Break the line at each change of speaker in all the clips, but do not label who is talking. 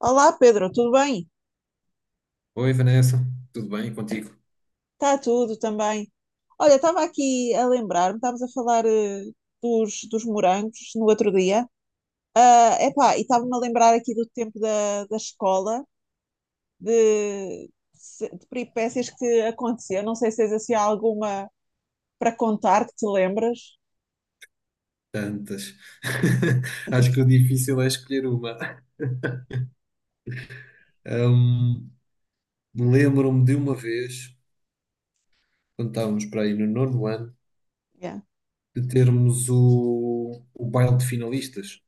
Olá Pedro, tudo bem?
Oi Vanessa, tudo bem contigo?
Está tudo também. Olha, estava aqui a lembrar-me, estávamos a falar dos morangos no outro dia. Ah, epá, e estava-me a lembrar aqui do tempo da escola, de, de peripécias que aconteciam. Não sei se tens assim alguma para contar que te lembras.
Tantas. Acho que o difícil é escolher uma. Lembro-me de uma vez, quando estávamos para aí no nono ano,
Yeah.
de termos o baile de finalistas.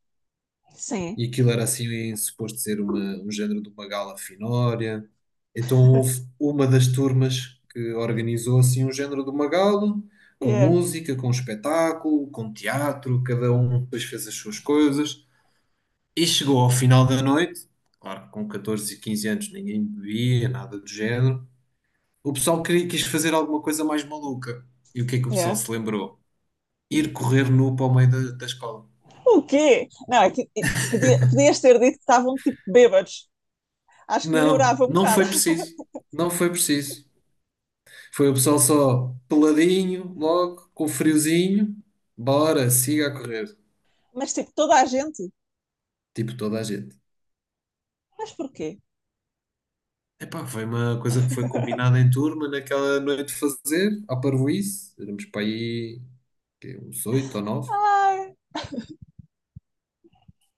Sim.
E aquilo era assim, suposto ser um género de uma gala finória. Então houve uma das turmas que organizou assim um género de uma gala, com
Yeah.
música, com espetáculo, com teatro, cada um depois fez as suas coisas. E chegou ao final da noite, claro, com 14 e 15 anos ninguém bebia, nada do género. O pessoal queria, quis fazer alguma coisa mais maluca. E o que é que o pessoal
Yeah.
se lembrou? Ir correr nu para o meio da escola.
O quê? Não, é que é, podias ter dito que estavam tipo bêbados. Acho que
Não,
melhorava um
não
bocado.
foi preciso. Não foi preciso. Foi o pessoal só peladinho, logo, com friozinho. Bora, siga a correr.
Mas tipo, toda a gente.
Tipo toda a gente.
Mas porquê?
Epá, foi uma coisa que foi combinada em turma naquela noite de fazer, à parvoíce. Éramos para aí quê, uns oito ou nove.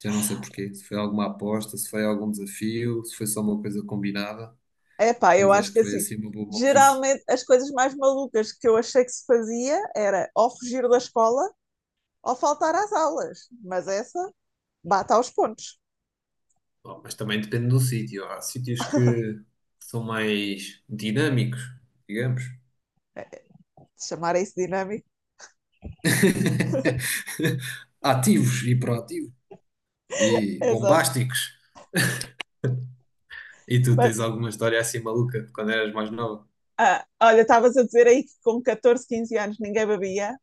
Já não sei porquê, se foi alguma aposta, se foi algum desafio, se foi só uma coisa combinada,
É pá, eu
mas
acho
acho que
que
foi
assim,
assim uma boa maluquice.
geralmente as coisas mais malucas que eu achei que se fazia era ou fugir da escola ou faltar às aulas, mas essa bate aos pontos.
Bom, mas também depende do sítio. Há sítios que são mais dinâmicos, digamos.
É, é, chamar isso dinâmico,
Ativos e proativos e
exato.
bombásticos. E tu
Mas,
tens alguma história assim maluca de quando eras mais nova?
ah, olha, estavas a dizer aí que com 14, 15 anos ninguém bebia.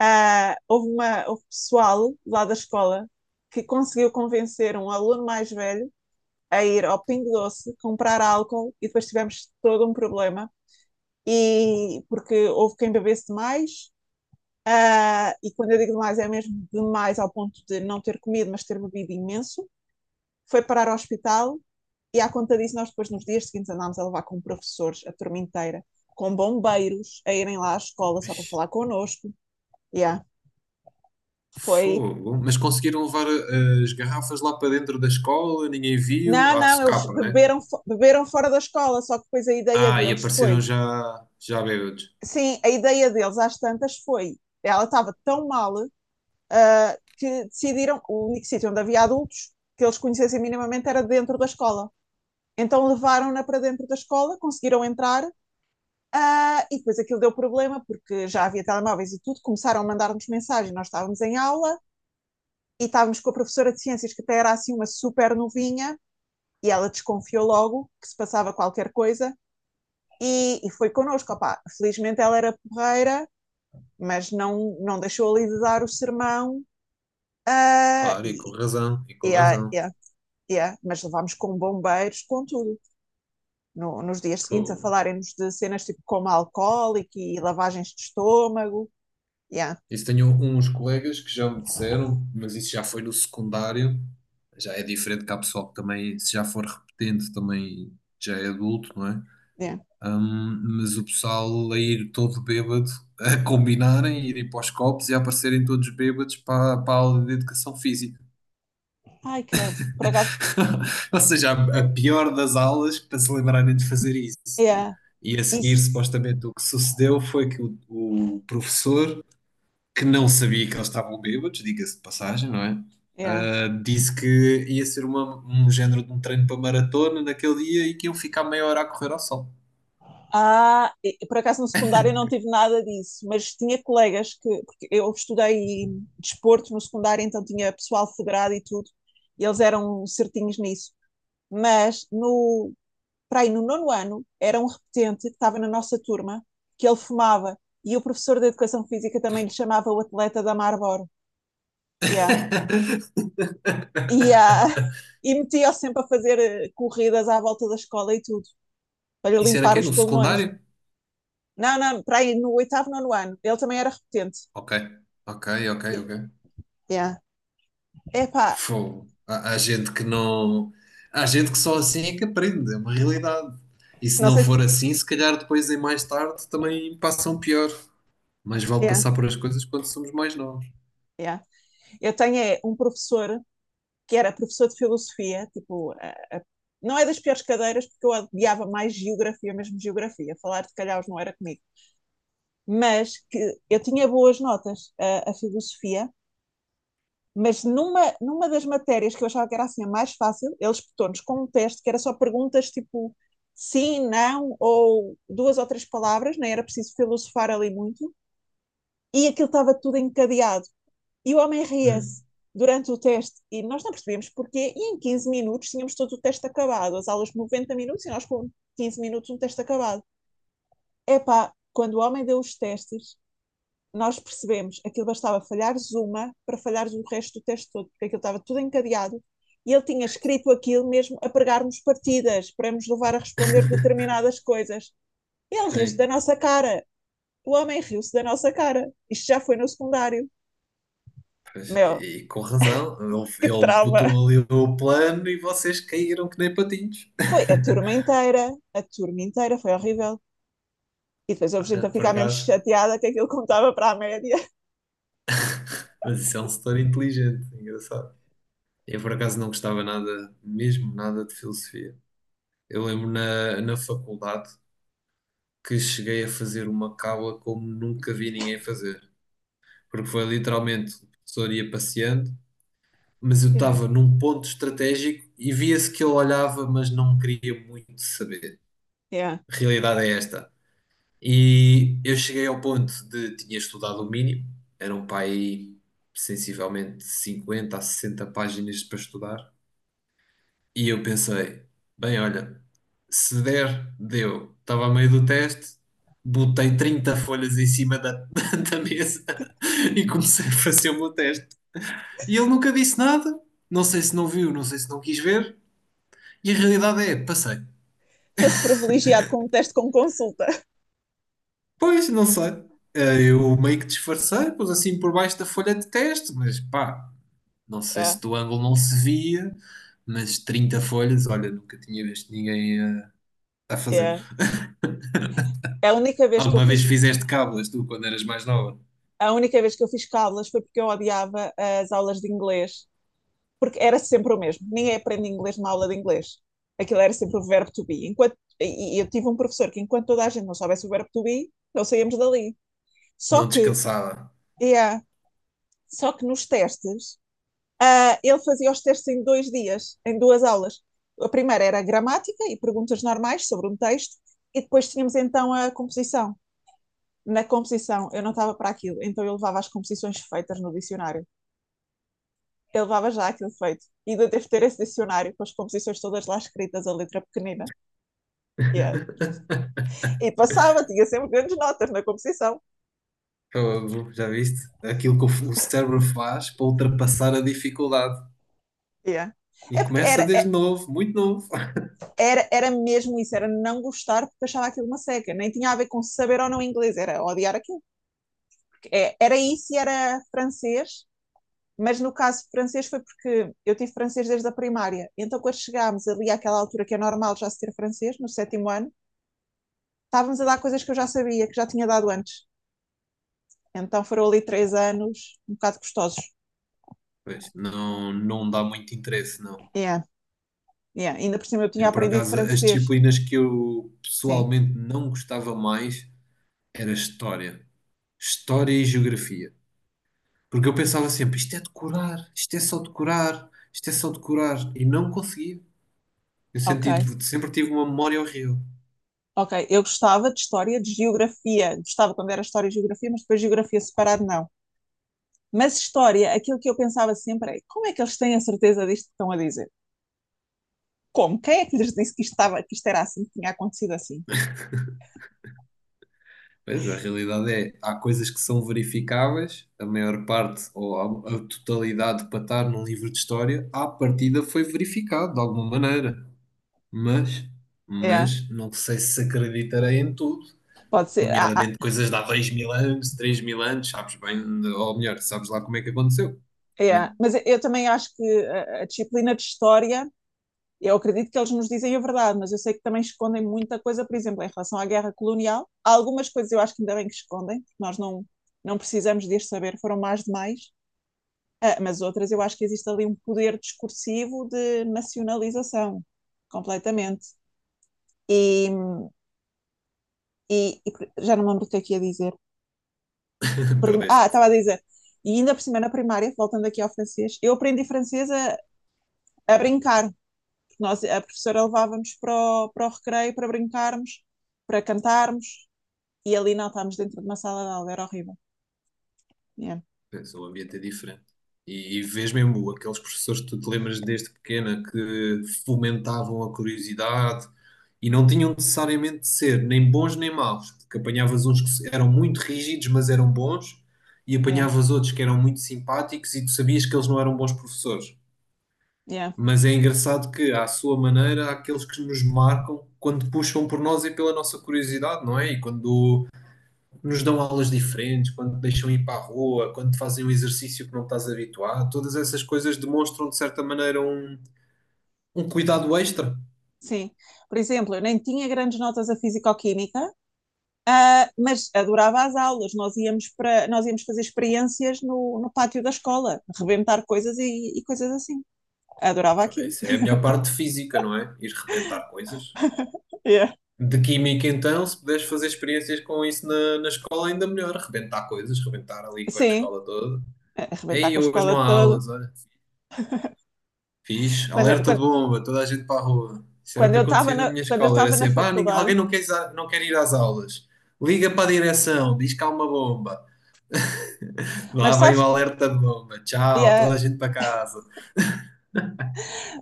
Ah, houve pessoal lá da escola que conseguiu convencer um aluno mais velho a ir ao Pingo Doce comprar álcool e depois tivemos todo um problema e porque houve quem bebesse mais. E quando eu digo demais, é mesmo demais ao ponto de não ter comido, mas ter bebido imenso. Foi parar ao hospital e, à conta disso, nós depois, nos dias seguintes, andámos a levar com professores a turma inteira, com bombeiros, a irem lá à escola só para falar connosco. Yeah. Foi.
Fogo. Mas conseguiram levar as garrafas lá para dentro da escola, ninguém viu,
Não,
à
não, eles
socapa, né?
beberam, beberam fora da escola, só que depois a ideia
Ah, e
deles
apareceram
foi.
já bêbados.
Sim, a ideia deles, às tantas, foi. Ela estava tão mal que decidiram. O único sítio onde havia adultos que eles conhecessem minimamente era dentro da escola. Então levaram-na para dentro da escola, conseguiram entrar, ah, e depois aquilo deu problema, porque já havia telemóveis e tudo, começaram a mandar-nos mensagem, nós estávamos em aula, e estávamos com a professora de ciências, que até era assim uma super novinha, e ela desconfiou logo que se passava qualquer coisa, e foi connosco, opá. Felizmente ela era porreira, mas não, não deixou ali de dar o sermão, ah,
Claro, e com
e,
razão, e com
yeah,
razão.
yeah, yeah. Mas levámos com bombeiros, com tudo. Nos dias seguintes a
Pô,
falarem-nos de cenas tipo coma alcoólico e lavagens de estômago. Yeah,
isso tenho uns colegas que já me disseram, mas isso já foi no secundário, já é diferente que há pessoal que também, se já for repetente, também já é adulto, não é?
yeah.
Mas o pessoal a ir todo bêbado, a combinarem, irem para os copos e a aparecerem todos bêbados para a aula de educação física.
Ai, credo, por acaso,
Ou seja, a pior das aulas para se lembrarem de fazer isso.
yeah,
E a seguir,
isso.
supostamente, o que sucedeu foi que o professor que não sabia que eles estavam bêbados, diga-se de passagem, não é?
Yeah.
Ah, disse que ia ser um género de um treino para maratona naquele dia e que iam ficar meia hora a correr ao sol.
Ah, por acaso no secundário eu não tive nada disso, mas tinha colegas que, porque eu estudei desporto no secundário, então tinha pessoal federado e tudo, e eles eram certinhos nisso. Mas para aí no nono ano, era um repetente que estava na nossa turma, que ele fumava. E o professor de Educação Física também lhe chamava o atleta da Marlboro. Yeah. E, ah, e metia-o sempre a fazer corridas à volta da escola e tudo, para lhe
Isso era
limpar
quem?
os
No
pulmões.
secundário?
Não, não, para aí no oitavo, nono ano, ele também era repetente.
Ok, ok, ok,
E-
ok.
Yeah. Epá,
Fogo. Há gente que não. Há gente que só assim é que aprende, é uma realidade. E se
não
não
sei se...
for assim, se calhar depois em mais tarde também passam pior. Mas vale
Yeah,
passar por as coisas quando somos mais novos.
yeah. Eu tenho é, um professor que era professor de filosofia, tipo, não é das piores cadeiras, porque eu odiava mais geografia, mesmo geografia, falar de calhaus não era comigo, mas que eu tinha boas notas a filosofia, mas numa das matérias que eu achava que era assim a mais fácil, eles botou-nos com um teste que era só perguntas tipo sim, não, ou duas ou três palavras, nem era preciso filosofar ali muito, e aquilo estava tudo encadeado. E o homem
Hum.
ria-se durante o teste e nós não percebemos porquê. E em 15 minutos tínhamos todo o teste acabado, as aulas de 90 minutos e nós com 15 minutos um teste acabado. Epá, quando o homem deu os testes, nós percebemos aquilo bastava falhares uma para falhares o resto do teste todo, porque aquilo estava tudo encadeado e ele tinha escrito aquilo mesmo a pregarmos partidas, para nos levar a responder determinadas coisas. Ele riu-se da
Sim.
nossa cara. O homem riu-se da nossa cara. Isto já foi no secundário.
Pois,
Meu,
e com razão, ele,
que
ele
trauma!
botou ali o plano e vocês caíram que nem patinhos.
Foi a turma inteira, foi horrível. E depois houve gente a
Ah, por
ficar mesmo
acaso,
chateada que aquilo contava para a média.
mas isso é um setor inteligente, é engraçado. Eu por acaso não gostava nada, mesmo nada de filosofia. Eu lembro na faculdade que cheguei a fazer uma cábula como nunca vi ninguém fazer, porque foi literalmente o professor ia passeando, mas eu
Yeah,
estava num ponto estratégico e via-se que ele olhava, mas não queria muito saber.
yeah.
A realidade é esta. E eu cheguei ao ponto de tinha estudado o mínimo, eram para aí sensivelmente 50 a 60 páginas para estudar, e eu pensei, bem, olha, se der, deu. Estava a meio do teste, botei 30 folhas em cima da, da mesa e comecei a fazer o meu teste. E ele nunca disse nada, não sei se não viu, não sei se não quis ver, e a realidade é, passei.
Foste privilegiado com um teste com consulta.
Pois, não sei. Eu meio que disfarcei, pus assim por baixo da folha de teste, mas pá, não sei
Yeah,
se do ângulo não se via, mas 30 folhas, olha, nunca tinha visto ninguém a, fazer.
yeah. A única vez que eu
Alguma
fiz,
vez fizeste cábulas, tu, quando eras mais nova?
a única vez que eu fiz cábulas foi porque eu odiava as aulas de inglês, porque era sempre o mesmo. Ninguém aprende inglês numa aula de inglês. Aquilo era sempre o verbo to be. Enquanto, e eu tive um professor que enquanto toda a gente não soubesse o verbo to be, não saíamos dali. Só
Não
que,
descansava.
yeah, só que nos testes. Ah, ele fazia os testes em 2 dias, em duas aulas. A primeira era a gramática e perguntas normais sobre um texto, e depois tínhamos então a composição. Na composição, eu não estava para aquilo, então eu levava as composições feitas no dicionário. Eu levava já aquilo feito. E ainda devo ter esse dicionário com as composições todas lá escritas, a letra pequenina. Yeah. E passava, tinha sempre grandes notas na composição.
Fogo, já viste? Aquilo que o cérebro faz para ultrapassar a dificuldade.
Yeah.
E
É porque
começa
era,
desde
é,
novo, muito novo.
era, era mesmo isso, era não gostar porque achava aquilo uma seca. Nem tinha a ver com saber ou não inglês, era odiar aquilo. É, era isso e era francês, mas no caso francês foi porque eu tive francês desde a primária. Então, quando chegámos ali àquela altura que é normal já se ter francês, no sétimo ano, estávamos a dar coisas que eu já sabia, que já tinha dado antes. Então foram ali 3 anos um bocado gostosos.
Pois, não, não dá muito interesse, não.
Yeah, yeah. Ainda por cima eu
E,
tinha
por
aprendido
acaso, as
francês.
disciplinas que eu
Sim,
pessoalmente não gostava mais era História. História e Geografia. Porque eu pensava sempre, isto é decorar, isto é só decorar, isto é só decorar. E não conseguia. Eu
ok.
senti, sempre tive uma memória horrível.
Ok, eu gostava de história, de geografia. Gostava quando era história e geografia, mas depois geografia separado não. Mas história, aquilo que eu pensava sempre é como é que eles têm a certeza disto que estão a dizer? Como? Quem é que lhes disse que isto era assim, que tinha acontecido assim?
Pois, a realidade é, há coisas que são verificáveis, a maior parte, ou a totalidade para estar num livro de história, à partida foi verificado de alguma maneira. Mas,
É,
mas não sei se acreditarei em tudo.
pode ser. Ah, ah,
Nomeadamente coisas de há 2000 anos, 3000 anos, sabes bem, ou melhor, sabes lá como é que aconteceu,
é.
né?
Mas eu também acho que a disciplina de história, eu acredito que eles nos dizem a verdade, mas eu sei que também escondem muita coisa, por exemplo, em relação à guerra colonial. Há algumas coisas eu acho que ainda bem que escondem, porque nós não, não precisamos de as saber, foram mais demais. Ah, mas outras eu acho que existe ali um poder discursivo de nacionalização, completamente. E, e já não me lembro o que é que ia dizer. Perdi. Ah,
Perdeste.
estava a dizer. E ainda por cima, na primária, voltando aqui ao francês, eu aprendi francês a brincar. Porque a professora levava-nos para o recreio para brincarmos, para cantarmos, e ali não estávamos dentro de uma sala de aula, era horrível. Yeah,
Pensa, o ambiente é diferente. E vês mesmo aqueles professores que tu te lembras desde pequena que fomentavam a curiosidade e não tinham necessariamente de ser nem bons nem maus, porque apanhavas uns que eram muito rígidos, mas eram bons, e
yeah,
apanhavas outros que eram muito simpáticos e tu sabias que eles não eram bons professores.
yeah.
Mas é engraçado que, à sua maneira, há aqueles que nos marcam quando puxam por nós e pela nossa curiosidade, não é? E quando nos dão aulas diferentes, quando te deixam ir para a rua, quando te fazem um exercício que não estás habituado, todas essas coisas demonstram de certa maneira um cuidado extra.
Sim. Por exemplo, eu nem tinha grandes notas a físico-química, mas adorava as aulas. Nós íamos fazer experiências no pátio da escola, rebentar coisas e coisas assim. Adorava aquilo.
Isso é a melhor parte física, não é? Ir rebentar coisas.
Yeah.
De química, então, se puderes fazer experiências com isso na escola, ainda melhor. Rebentar coisas, rebentar ali com a
Sim,
escola toda.
a arrebentar
Ei,
com a
hoje não
escola
há
toda.
aulas, olha. Fiz
Quando,
alerta de
quando,
bomba, toda a gente para a rua. Isso era o
quando
que
eu estava
acontecia na
na,
minha
quando eu
escola. Era
estava na
sempre, ah,
faculdade,
alguém não quer, não quer ir às aulas. Liga para a direção, diz que há uma bomba.
mas
Lá vem o
sabes,
alerta de bomba. Tchau,
yeah,
toda a gente para casa.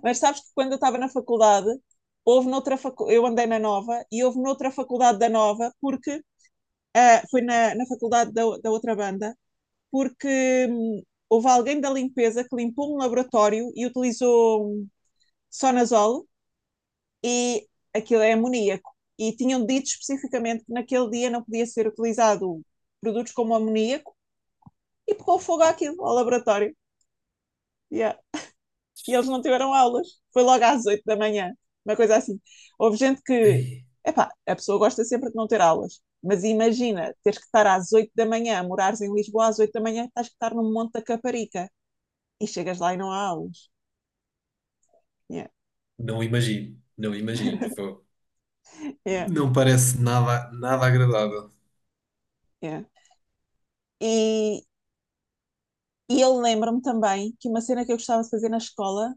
mas sabes que quando eu estava na faculdade, eu andei na Nova e houve noutra faculdade da Nova, porque foi na faculdade da outra banda, porque houve alguém da limpeza que limpou um laboratório e utilizou Sonazol e aquilo é amoníaco. E tinham dito especificamente que naquele dia não podia ser utilizado produtos como amoníaco e pegou fogo àquilo, ao laboratório. Yeah. E eles não tiveram aulas. Foi logo às 8 da manhã, uma coisa assim. Houve gente que,
Ei,
epá, a pessoa gosta sempre de não ter aulas, mas imagina, teres que estar às 8 da manhã, morares em Lisboa às 8 da manhã, estás que estar no Monte da Caparica e chegas lá e não há aulas. Yeah,
não imagino, não imagino. Fogo.
yeah,
Não parece nada, nada agradável.
yeah. E, e eu lembro-me também que uma cena que eu gostava de fazer na escola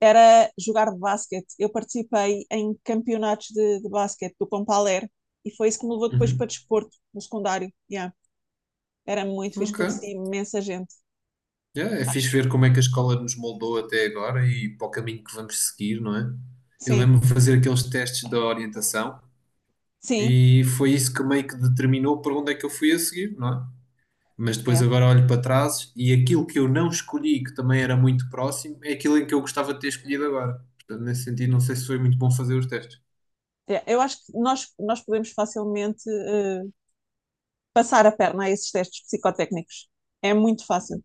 era jogar basquete. Eu participei em campeonatos de basquete do Compaler e foi isso que me levou depois para
Uhum.
desporto no secundário. Yeah. Era muito fixe,
Ok.
conheci imensa gente.
Yeah, é fixe ver como é que a escola nos moldou até agora e para o caminho que vamos seguir, não é? Eu
Sim,
lembro-me de fazer aqueles testes da orientação
sim,
e foi isso que meio que determinou para onde é que eu fui a seguir, não é? Mas depois
yeah.
agora olho para trás e aquilo que eu não escolhi, que também era muito próximo, é aquilo em que eu gostava de ter escolhido agora. Portanto, nesse sentido, não sei se foi muito bom fazer os testes.
Yeah. Eu acho que nós podemos facilmente passar a perna a esses testes psicotécnicos. É muito fácil.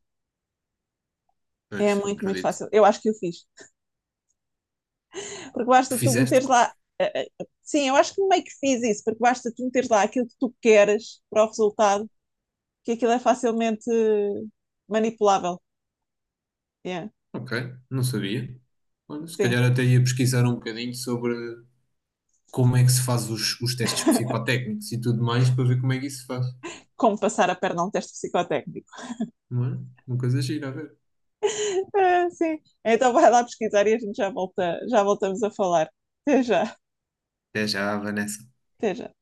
É
Pois,
muito, muito
acredito.
fácil. Eu acho que eu fiz. Porque basta tu
Fizeste?
meteres lá. Sim, eu acho que meio que fiz isso, porque basta tu meteres lá aquilo que tu queres para o resultado que aquilo é facilmente manipulável. Yeah,
Ok, não sabia. Olha, se
sim.
calhar até ia pesquisar um bocadinho sobre como é que se faz os testes psicotécnicos e tudo mais para ver como é que isso se faz,
Como passar a perna a um teste psicotécnico.
não é? Uma coisa gira, a ver.
Ah, sim. Então vai lá pesquisar e a gente já voltamos a falar. Até já,
Até já, Vanessa.
até já.